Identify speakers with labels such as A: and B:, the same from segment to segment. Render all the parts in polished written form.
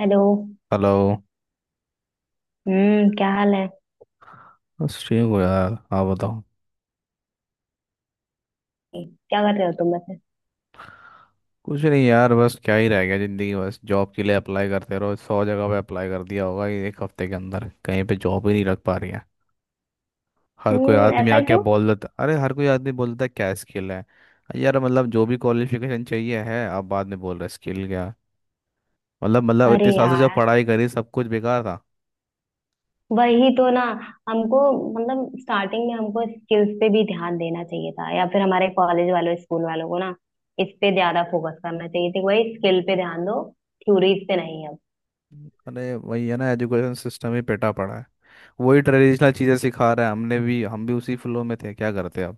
A: Hello.
B: Hello.
A: क्या हाल है?
B: बस ठीक हो यार, आप बताओ.
A: क्या कर रहे हो तुम वैसे?
B: कुछ नहीं यार, बस क्या ही रह गया ज़िंदगी. बस जॉब के लिए अप्लाई करते रहो. सौ जगह पे अप्लाई कर दिया होगा ये एक हफ्ते के अंदर, कहीं पे जॉब ही नहीं लग पा रही है. हर कोई आदमी
A: ऐसा
B: आके
A: क्यों?
B: बोल देता, अरे हर कोई आदमी बोल देता है क्या स्किल है. यार मतलब जो भी क्वालिफिकेशन चाहिए है, आप बाद में बोल रहे स्किल क्या. मतलब
A: अरे
B: इतने साल से जब
A: यार,
B: पढ़ाई करी, सब कुछ बेकार था.
A: वही तो ना। हमको मतलब स्टार्टिंग में हमको स्किल्स पे भी ध्यान देना चाहिए था, या फिर हमारे कॉलेज वालों, स्कूल वालों को ना इस पे ज्यादा फोकस करना चाहिए था। वही स्किल पे ध्यान दो, थ्योरीज पे नहीं। अब
B: अरे वही है ना, एजुकेशन सिस्टम ही पेटा पड़ा है. वही ट्रेडिशनल चीज़ें सिखा रहा है. हमने भी हम भी उसी फ्लो में थे, क्या करते अब.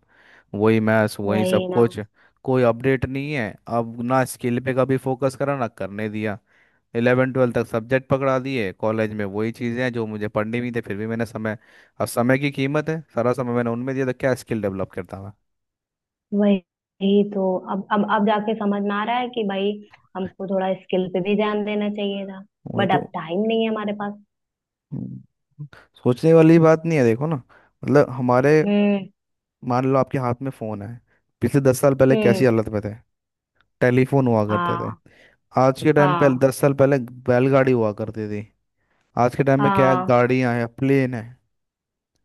B: वही मैथ्स, वही
A: वही
B: सब
A: ना,
B: कुछ. कोई अपडेट नहीं है. अब ना स्किल पे कभी फोकस करा ना करने दिया. 11वीं 12वीं तक सब्जेक्ट पकड़ा दिए, कॉलेज में वही चीज़ें हैं जो मुझे पढ़नी भी थी. फिर भी मैंने समय, अब समय की कीमत है. सारा समय मैंने उनमें दिया, तो क्या स्किल डेवलप करता मैं.
A: वही तो। अब जाके समझ में आ रहा है कि भाई हमको थोड़ा स्किल पे भी ध्यान देना चाहिए था।
B: वही
A: बट
B: तो.
A: अब टाइम नहीं है हमारे पास।
B: हम्म, सोचने वाली बात नहीं है, देखो ना. मतलब हमारे,
A: हम्म।
B: मान लो आपके हाथ में फोन है. पिछले 10 साल पहले कैसी
A: हम्म।
B: हालत में थे. टेलीफोन हुआ करते थे.
A: हाँ।
B: आज के टाइम पे,
A: हाँ।
B: 10 साल पहले बैलगाड़ी हुआ करती थी. आज के टाइम में क्या है,
A: हाँ।
B: गाड़ियां हैं, प्लेन है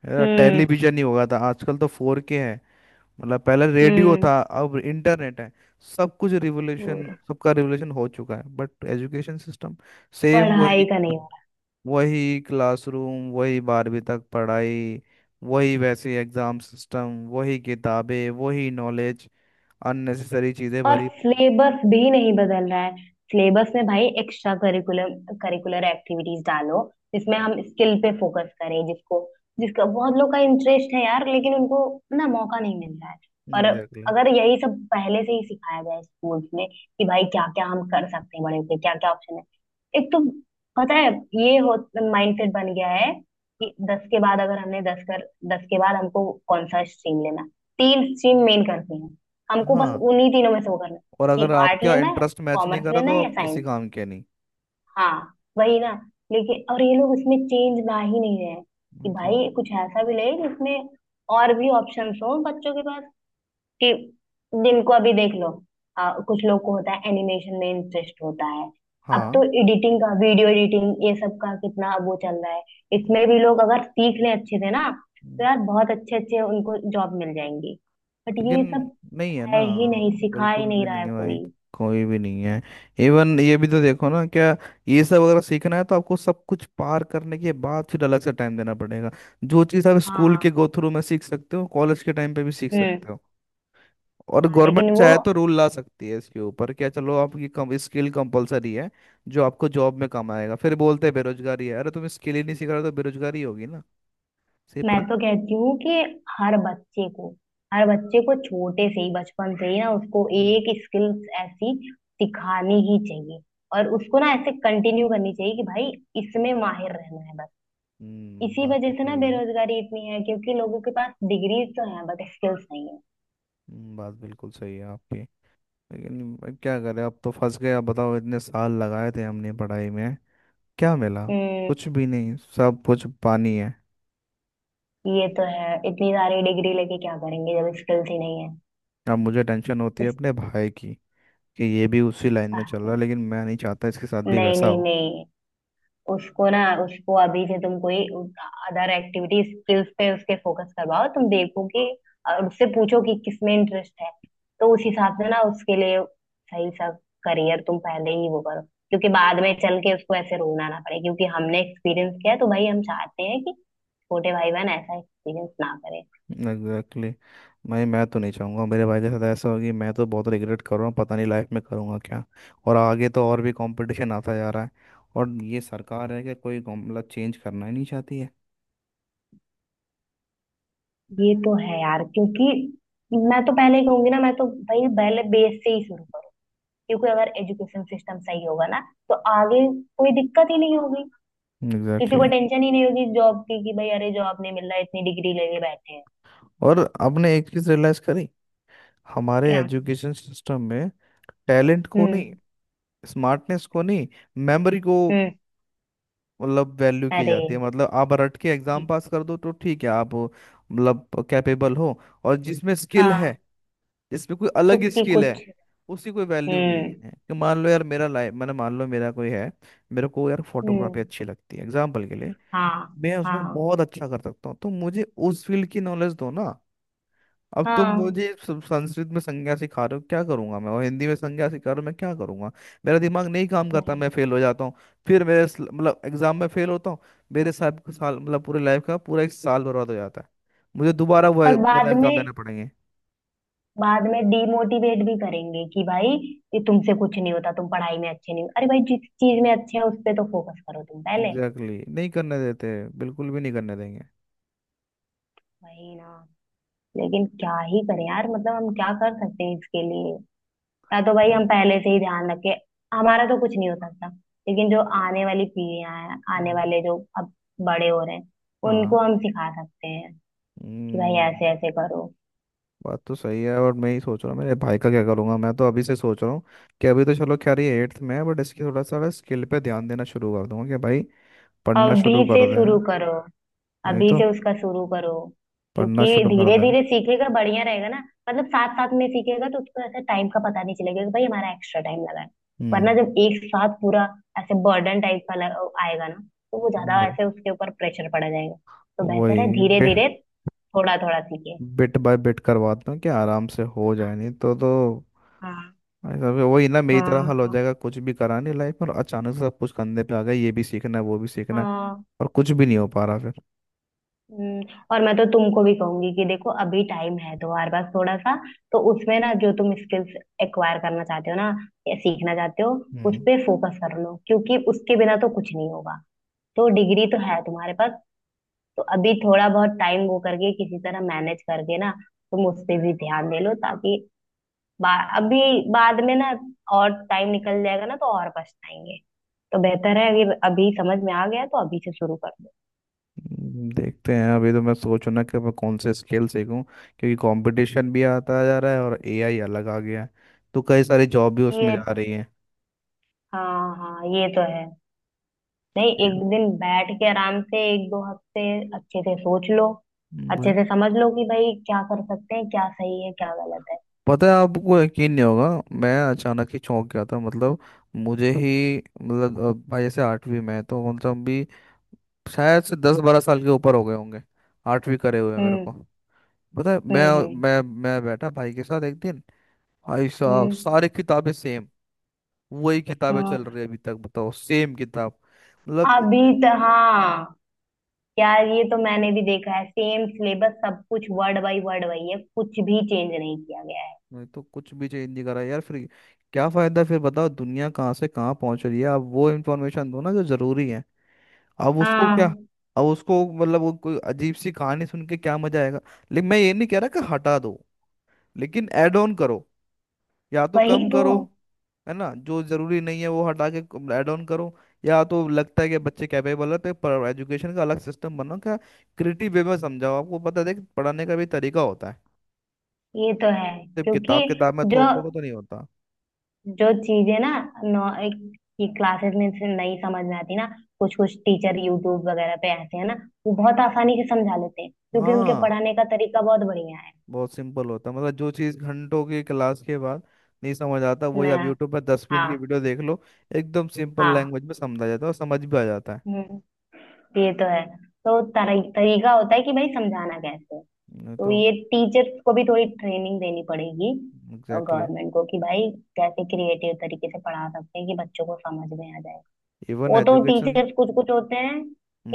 B: यार.
A: हम्म।
B: टेलीविजन ही होगा था, आजकल तो 4K है. मतलब पहले रेडियो
A: हम्म।
B: था, अब इंटरनेट है. सब कुछ रिवोल्यूशन,
A: और
B: सबका रिवोल्यूशन हो चुका है, बट एजुकेशन सिस्टम सेम
A: पढ़ाई
B: वही.
A: का नहीं।
B: वही क्लासरूम, वही 12वीं तक पढ़ाई. वही वैसे एग्जाम सिस्टम, वही किताबें, वही नॉलेज. अननेसेसरी चीजें
A: और
B: भरी पड़ी.
A: सिलेबस भी नहीं बदल रहा है। सिलेबस में भाई एक्स्ट्रा करिकुलर करिकुलर एक्टिविटीज डालो, जिसमें हम स्किल पे फोकस करें, जिसको जिसका बहुत लोग का इंटरेस्ट है यार, लेकिन उनको ना मौका नहीं मिल रहा है। और
B: एग्जैक्टली.
A: अगर यही सब पहले से ही सिखाया जाए स्कूल्स में, कि भाई क्या क्या हम कर सकते हैं बड़े होके, क्या क्या ऑप्शन है। एक तो पता है, ये हो माइंडसेट बन गया है कि दस के बाद अगर हमने दस कर दस के बाद हमको कौन सा स्ट्रीम लेना। तीन स्ट्रीम मेन करते हैं, हमको बस
B: हाँ,
A: उन्हीं तीनों में से वो करना है।
B: और
A: कि
B: अगर
A: आर्ट
B: आपका
A: लेना है,
B: इंटरेस्ट मैच नहीं
A: कॉमर्स
B: कर रहा,
A: लेना
B: तो
A: है या
B: आप किसी
A: साइंस।
B: काम के नहीं.
A: हाँ। वही ना। लेकिन और ये लोग इसमें चेंज ला ही नहीं रहे हैं, कि
B: तो
A: भाई कुछ ऐसा भी ले जिसमें और भी ऑप्शंस हो बच्चों के पास। कि जिनको अभी देख लो, कुछ लोग को होता है, एनिमेशन में इंटरेस्ट होता है। अब
B: हाँ
A: तो एडिटिंग का, वीडियो एडिटिंग, ये सब का कितना अब वो चल रहा है। इसमें भी लोग अगर सीख लें अच्छे से ना, तो यार बहुत अच्छे अच्छे उनको जॉब मिल जाएंगी। बट
B: लेकिन.
A: ये सब
B: नहीं है ना,
A: है ही नहीं, सिखा ही
B: बिल्कुल
A: नहीं
B: भी
A: रहा
B: नहीं
A: है
B: है भाई.
A: कोई।
B: कोई भी नहीं है. इवन ये भी तो देखो ना क्या, ये सब अगर सीखना है तो आपको सब कुछ पार करने के बाद फिर अलग से टाइम देना पड़ेगा. जो चीज़ आप स्कूल
A: हाँ।
B: के गो थ्रू में सीख सकते हो, कॉलेज के टाइम पे भी सीख
A: हम्म।
B: सकते हो. और
A: हाँ
B: गवर्नमेंट
A: लेकिन वो।
B: चाहे तो रूल ला सकती है इसके ऊपर, क्या चलो आपकी कम स्किल कंपलसरी है जो आपको जॉब में काम आएगा. फिर बोलते हैं बेरोजगारी है, अरे तुम स्किल ही नहीं सीख रहे हो तो बेरोजगारी होगी ना. सिर्फ
A: मैं तो कहती हूँ कि हर बच्चे को, हर बच्चे को छोटे से ही, बचपन से ही ना उसको
B: हम्म
A: एक स्किल्स ऐसी सिखानी ही चाहिए। और उसको ना ऐसे कंटिन्यू करनी चाहिए कि भाई इसमें माहिर रहना है बस।
B: हम्म.
A: इसी
B: बात
A: वजह
B: तो
A: से ना
B: सही है.
A: बेरोजगारी इतनी है, क्योंकि लोगों के पास डिग्री तो है बट स्किल्स नहीं है।
B: बात बिल्कुल सही है आपकी. लेकिन भाई क्या करें, अब तो फंस गए. अब बताओ, इतने साल लगाए थे हमने पढ़ाई में, क्या मिला.
A: हम्म।
B: कुछ भी नहीं, सब कुछ पानी है.
A: ये तो है, इतनी सारी डिग्री लेके क्या करेंगे जब स्किल्स ही नहीं है?
B: अब मुझे टेंशन होती है
A: इस,
B: अपने भाई की, कि ये भी उसी लाइन में
A: आह,
B: चल रहा है. लेकिन मैं नहीं चाहता इसके साथ भी
A: नहीं
B: वैसा
A: नहीं
B: हो.
A: नहीं। उसको ना, उसको अभी से तुम कोई अदर एक्टिविटी स्किल्स पे उसके फोकस करवाओ, तुम देखो कि, और उससे पूछो कि किसमें इंटरेस्ट है, तो उस हिसाब से ना उसके लिए सही सा करियर तुम पहले ही वो करो। क्योंकि बाद में चल के उसको ऐसे रोना ना पड़े, क्योंकि हमने एक्सपीरियंस किया है, तो भाई हम चाहते हैं कि छोटे भाई बहन ऐसा एक्सपीरियंस ना करें।
B: Exactly exactly. मैं तो नहीं चाहूँगा मेरे भाई के साथ ऐसा होगी. मैं तो बहुत रिग्रेट कर रहा हूँ, पता नहीं लाइफ में करूँगा क्या. और आगे तो और भी कंपटीशन आता जा रहा है. और ये सरकार है कि कोई मतलब चेंज करना ही नहीं चाहती है.
A: ये तो है यार, क्योंकि मैं तो पहले ही कहूंगी ना, मैं तो भाई पहले बेस से ही शुरू करो। क्योंकि अगर एजुकेशन सिस्टम सही होगा ना, तो आगे कोई दिक्कत ही नहीं होगी। किसी
B: एग्जैक्टली
A: को
B: exactly.
A: टेंशन ही नहीं होगी जॉब की, कि भाई अरे जॉब नहीं मिल रहा, इतनी डिग्री लेके बैठे हैं।
B: और आपने एक चीज़ रियलाइज़ करी हमारे
A: क्या?
B: एजुकेशन सिस्टम में. टैलेंट को नहीं,
A: हम्म।
B: स्मार्टनेस को नहीं, मेमोरी को
A: हम्म।
B: मतलब वैल्यू की
A: अरे।
B: जाती है. मतलब आप रट के एग्जाम पास कर दो तो ठीक है, आप मतलब कैपेबल हो. और जिसमें स्किल है,
A: हाँ।
B: जिसमें कोई अलग ही
A: उसकी
B: स्किल है,
A: कुछ।
B: उसी कोई वैल्यू नहीं
A: हम्म।
B: है. कि मान लो यार, मेरा लाइफ, मैंने मान लो मेरा कोई है, मेरे को यार फोटोग्राफी
A: हम्म।
B: अच्छी लगती है एग्जाम्पल के लिए.
A: हाँ।
B: मैं उसमें
A: हाँ।
B: बहुत अच्छा कर सकता हूँ, तो मुझे उस फील्ड की नॉलेज दो ना. अब तुम
A: हाँ।
B: मुझे संस्कृत में संज्ञा सिखा रहे हो, क्या करूंगा मैं. और हिंदी में संज्ञा सिखा रहे हो, मैं क्या करूंगा. मेरा दिमाग नहीं काम करता,
A: वही।
B: मैं फेल हो जाता हूँ. फिर मेरे मतलब एग्जाम में फेल होता हूँ. मेरे साथ का साल, मतलब पूरे लाइफ का पूरा एक साल बर्बाद हो जाता है. मुझे दोबारा वो
A: और
B: वाला
A: बाद
B: एग्जाम देने
A: में,
B: पड़ेंगे.
A: बाद में डीमोटिवेट भी करेंगे कि भाई ये तुमसे कुछ नहीं होता, तुम पढ़ाई में अच्छे नहीं हो। अरे भाई, जिस चीज में अच्छे हैं उस पे तो फोकस करो तुम पहले।
B: Exactly exactly. नहीं करने देते, बिल्कुल भी नहीं करने देंगे.
A: वही ना। लेकिन क्या ही करें यार, मतलब हम क्या कर सकते हैं इसके लिए? ना तो भाई
B: हाँ.
A: हम पहले से ही ध्यान रखे। हमारा तो कुछ नहीं हो सकता, लेकिन जो आने वाली पीढ़ियां हैं, आने
B: हम्म.
A: वाले जो अब बड़े हो रहे हैं,
B: हाँ.
A: उनको हम सिखा सकते हैं कि भाई
B: हम्म,
A: ऐसे ऐसे करो।
B: बात तो सही है. और मैं ही सोच रहा हूँ मेरे भाई का क्या करूंगा. मैं तो अभी से सोच रहा हूँ कि अभी तो चलो खैर ये 8th में है, बट इसकी थोड़ा सा स्किल पे ध्यान देना शुरू कर दूंगा. कि भाई पढ़ना शुरू
A: अभी से
B: कर दे.
A: शुरू करो,
B: वही
A: अभी
B: तो.
A: से उसका शुरू करो,
B: पढ़ना
A: क्योंकि
B: शुरू कर
A: धीरे
B: दे.
A: धीरे सीखेगा बढ़िया रहेगा ना। मतलब साथ साथ में सीखेगा तो उसको ऐसा टाइम का पता नहीं चलेगा कि भाई हमारा एक्स्ट्रा टाइम लगा है। वरना
B: हम्म.
A: जब एक साथ पूरा ऐसे बर्डन टाइप का आएगा ना, तो वो ज्यादा
B: वही.
A: ऐसे उसके ऊपर प्रेशर पड़ जाएगा। तो बेहतर है
B: वही,
A: धीरे धीरे थोड़ा थोड़ा सीखे।
B: बिट बाय बिट करवाता हूँ कि आराम से हो
A: हाँ।
B: जाए. नहीं तो भाई साहब, वही ना मेरी तरह हल हो
A: हाँ।
B: जाएगा. कुछ भी करा नहीं लाइफ में, और अचानक से सब कुछ कंधे पे आ गया. ये भी सीखना है, वो भी सीखना है,
A: हाँ।
B: और कुछ भी नहीं हो पा रहा फिर.
A: हम्म। और मैं तो तुमको भी कहूंगी कि देखो अभी टाइम है तुम्हारे पास थोड़ा सा, तो उसमें ना जो तुम स्किल्स एक्वायर करना चाहते हो ना, या सीखना चाहते हो, उस
B: हम्म.
A: पे फोकस कर लो, क्योंकि उसके बिना तो कुछ नहीं होगा। तो डिग्री तो है तुम्हारे पास, तो अभी थोड़ा बहुत टाइम वो करके किसी तरह मैनेज करके ना तुम उस पे भी ध्यान दे लो, ताकि बा, अभी बाद में ना और टाइम निकल जाएगा ना, तो और पछताएंगे। तो बेहतर है, अगर अभी समझ में आ गया तो अभी से शुरू कर दो।
B: देखते हैं. अभी तो मैं सोचू ना कि मैं कौन से स्किल सीखूं, क्योंकि कंपटीशन भी आता जा रहा है और एआई अलग आ गया है. तो कई सारी जॉब भी उसमें
A: ये,
B: जा रही
A: हाँ हाँ, ये तो है। नहीं, एक दिन बैठ के आराम से एक दो हफ्ते अच्छे से सोच लो, अच्छे
B: है.
A: से समझ लो कि भाई क्या कर सकते हैं, क्या सही है क्या गलत है।
B: पता है, आपको यकीन नहीं होगा. मैं अचानक ही चौंक गया था मतलब. मुझे ही मतलब भाई ऐसे 8वीं में है, तो कौन सा हम भी शायद से 10 12 साल के ऊपर हो गए होंगे 8वीं करे हुए मेरे
A: हम्म।
B: को. पता है मैं
A: हम्म। हम्म।
B: मैं मैं बैठा भाई के साथ एक दिन, भाई साहब
A: हम्म,
B: सारी किताबें सेम. वही किताबें चल
A: हाँ
B: रही है अभी तक, बताओ सेम किताब. मतलब
A: अभी तो। हाँ यार, ये तो मैंने भी देखा है, सेम सिलेबस सब कुछ, वर्ड बाय वर्ड वही है, कुछ भी चेंज नहीं किया गया है।
B: नहीं तो कुछ भी चेंज नहीं करा यार फिर. क्या फायदा फिर, बताओ दुनिया कहाँ से कहाँ पहुंच रही है, आप वो इन्फॉर्मेशन दो ना जो जरूरी है. अब उसको क्या,
A: हाँ।
B: अब उसको मतलब वो कोई अजीब सी कहानी सुन के क्या मजा आएगा. लेकिन मैं ये नहीं कह रहा कि हटा दो. लेकिन ऐड ऑन करो, या तो
A: वही
B: कम
A: तो।
B: करो. है ना, जो जरूरी नहीं है वो हटा के ऐड ऑन करो. या तो लगता है कि बच्चे कैपेबल है, तो पर एजुकेशन का अलग सिस्टम बनाओ क्या. क्रिएटिव वे में समझाओ. आपको पता है, देख, पढ़ाने का भी तरीका होता है.
A: ये तो है।
B: सिर्फ
A: क्योंकि
B: किताब किताब में
A: जो,
B: थोप दोगे तो नहीं होता.
A: जो चीजें ना, नौ ये क्लासेस में से नहीं समझ में आती ना, कुछ कुछ टीचर यूट्यूब वगैरह पे ऐसे हैं ना, वो बहुत आसानी से समझा लेते हैं, क्योंकि उनके
B: हाँ,
A: पढ़ाने का तरीका बहुत बढ़िया है।
B: बहुत सिंपल होता है. मतलब जो चीज़ घंटों की क्लास के बाद नहीं समझ आता, वही
A: ना।
B: आप यूट्यूब पर दस
A: हाँ।
B: मिनट की वीडियो देख लो, एकदम सिंपल
A: हाँ।
B: लैंग्वेज में समझा जाता है और समझ भी आ जाता है.
A: हम्म, ये तो है। तो तरीका होता है कि भाई समझाना कैसे है।
B: नहीं
A: तो
B: तो.
A: ये टीचर्स को भी थोड़ी ट्रेनिंग देनी पड़ेगी,
B: एग्जैक्टली.
A: गवर्नमेंट को, कि भाई कैसे क्रिएटिव तरीके से पढ़ा सकते हैं कि बच्चों को समझ में आ जाए।
B: इवन
A: वो तो
B: एजुकेशन.
A: टीचर्स कुछ कुछ होते हैं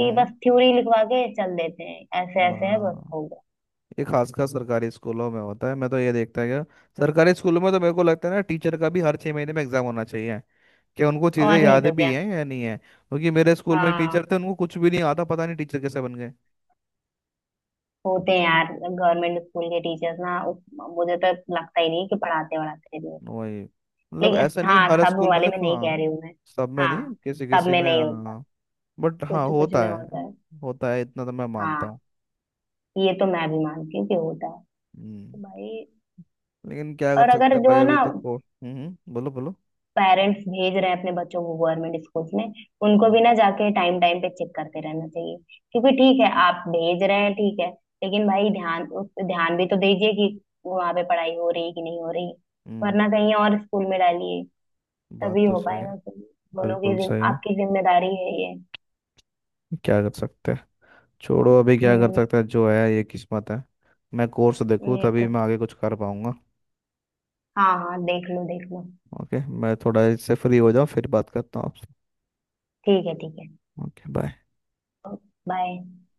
A: कि बस थ्योरी लिखवा के चल देते हैं, ऐसे ऐसे है बस
B: हाँ,
A: हो गया।
B: ये खासकर सरकारी स्कूलों में होता है, मैं तो ये देखता गया. सरकारी स्कूलों में तो मेरे को लगता है ना, टीचर का भी हर 6 महीने में एग्जाम होना चाहिए कि उनको चीज़ें
A: और नहीं
B: याद
A: तो
B: भी
A: क्या।
B: हैं या नहीं है. क्योंकि मेरे स्कूल में एक
A: हाँ।
B: टीचर थे, उनको कुछ भी नहीं आता. पता नहीं टीचर कैसे बन गए.
A: होते हैं यार गवर्नमेंट स्कूल के टीचर्स ना, मुझे तो लगता ही नहीं कि पढ़ाते वढ़ाते भी हैं।
B: वही, मतलब
A: लेकिन
B: ऐसा नहीं
A: हाँ,
B: हर
A: सब
B: स्कूल में,
A: वाले में
B: देखो
A: नहीं
B: हाँ.
A: कह रही हूँ मैं।
B: सब में
A: हाँ।
B: नहीं, किसी
A: सब
B: किसी
A: में
B: में
A: नहीं होता,
B: हाँ. बट हाँ
A: कुछ कुछ
B: होता
A: में होता
B: है,
A: है।
B: होता है, इतना तो मैं मानता
A: हाँ,
B: हूँ.
A: ये तो मैं भी मानती हूँ कि होता
B: हम्म,
A: है भाई।
B: लेकिन क्या कर
A: और अगर
B: सकते हैं
A: जो
B: भाई.
A: है ना,
B: अभी तो को हम्म, बोलो बोलो.
A: पेरेंट्स भेज रहे हैं अपने बच्चों को गवर्नमेंट स्कूल्स में, उनको भी
B: हाँ.
A: ना जाके टाइम टाइम पे चेक करते रहना चाहिए। क्योंकि ठीक है आप भेज रहे हैं ठीक है, लेकिन भाई ध्यान, उस पे ध्यान भी तो दीजिए कि वहां पे पढ़ाई हो रही है कि नहीं हो रही।
B: हम्म,
A: वरना कहीं और स्कूल में डालिए,
B: बात
A: तभी
B: तो
A: हो
B: सही है.
A: पाएगा कि दोनों की
B: बिल्कुल सही है.
A: आपकी जिम्मेदारी है ये।
B: क्या कर सकते हैं. छोड़ो, अभी क्या कर
A: हम्म।
B: सकते हैं, जो है ये किस्मत है. मैं कोर्स देखूँ
A: ये तो
B: तभी मैं
A: है।
B: आगे कुछ कर पाऊंगा.
A: हाँ हाँ, देख लो देख लो।
B: ओके, मैं थोड़ा इससे फ्री हो जाऊँ फिर बात करता हूँ आपसे.
A: ठीक है ठीक है।
B: Okay bye.
A: बाय।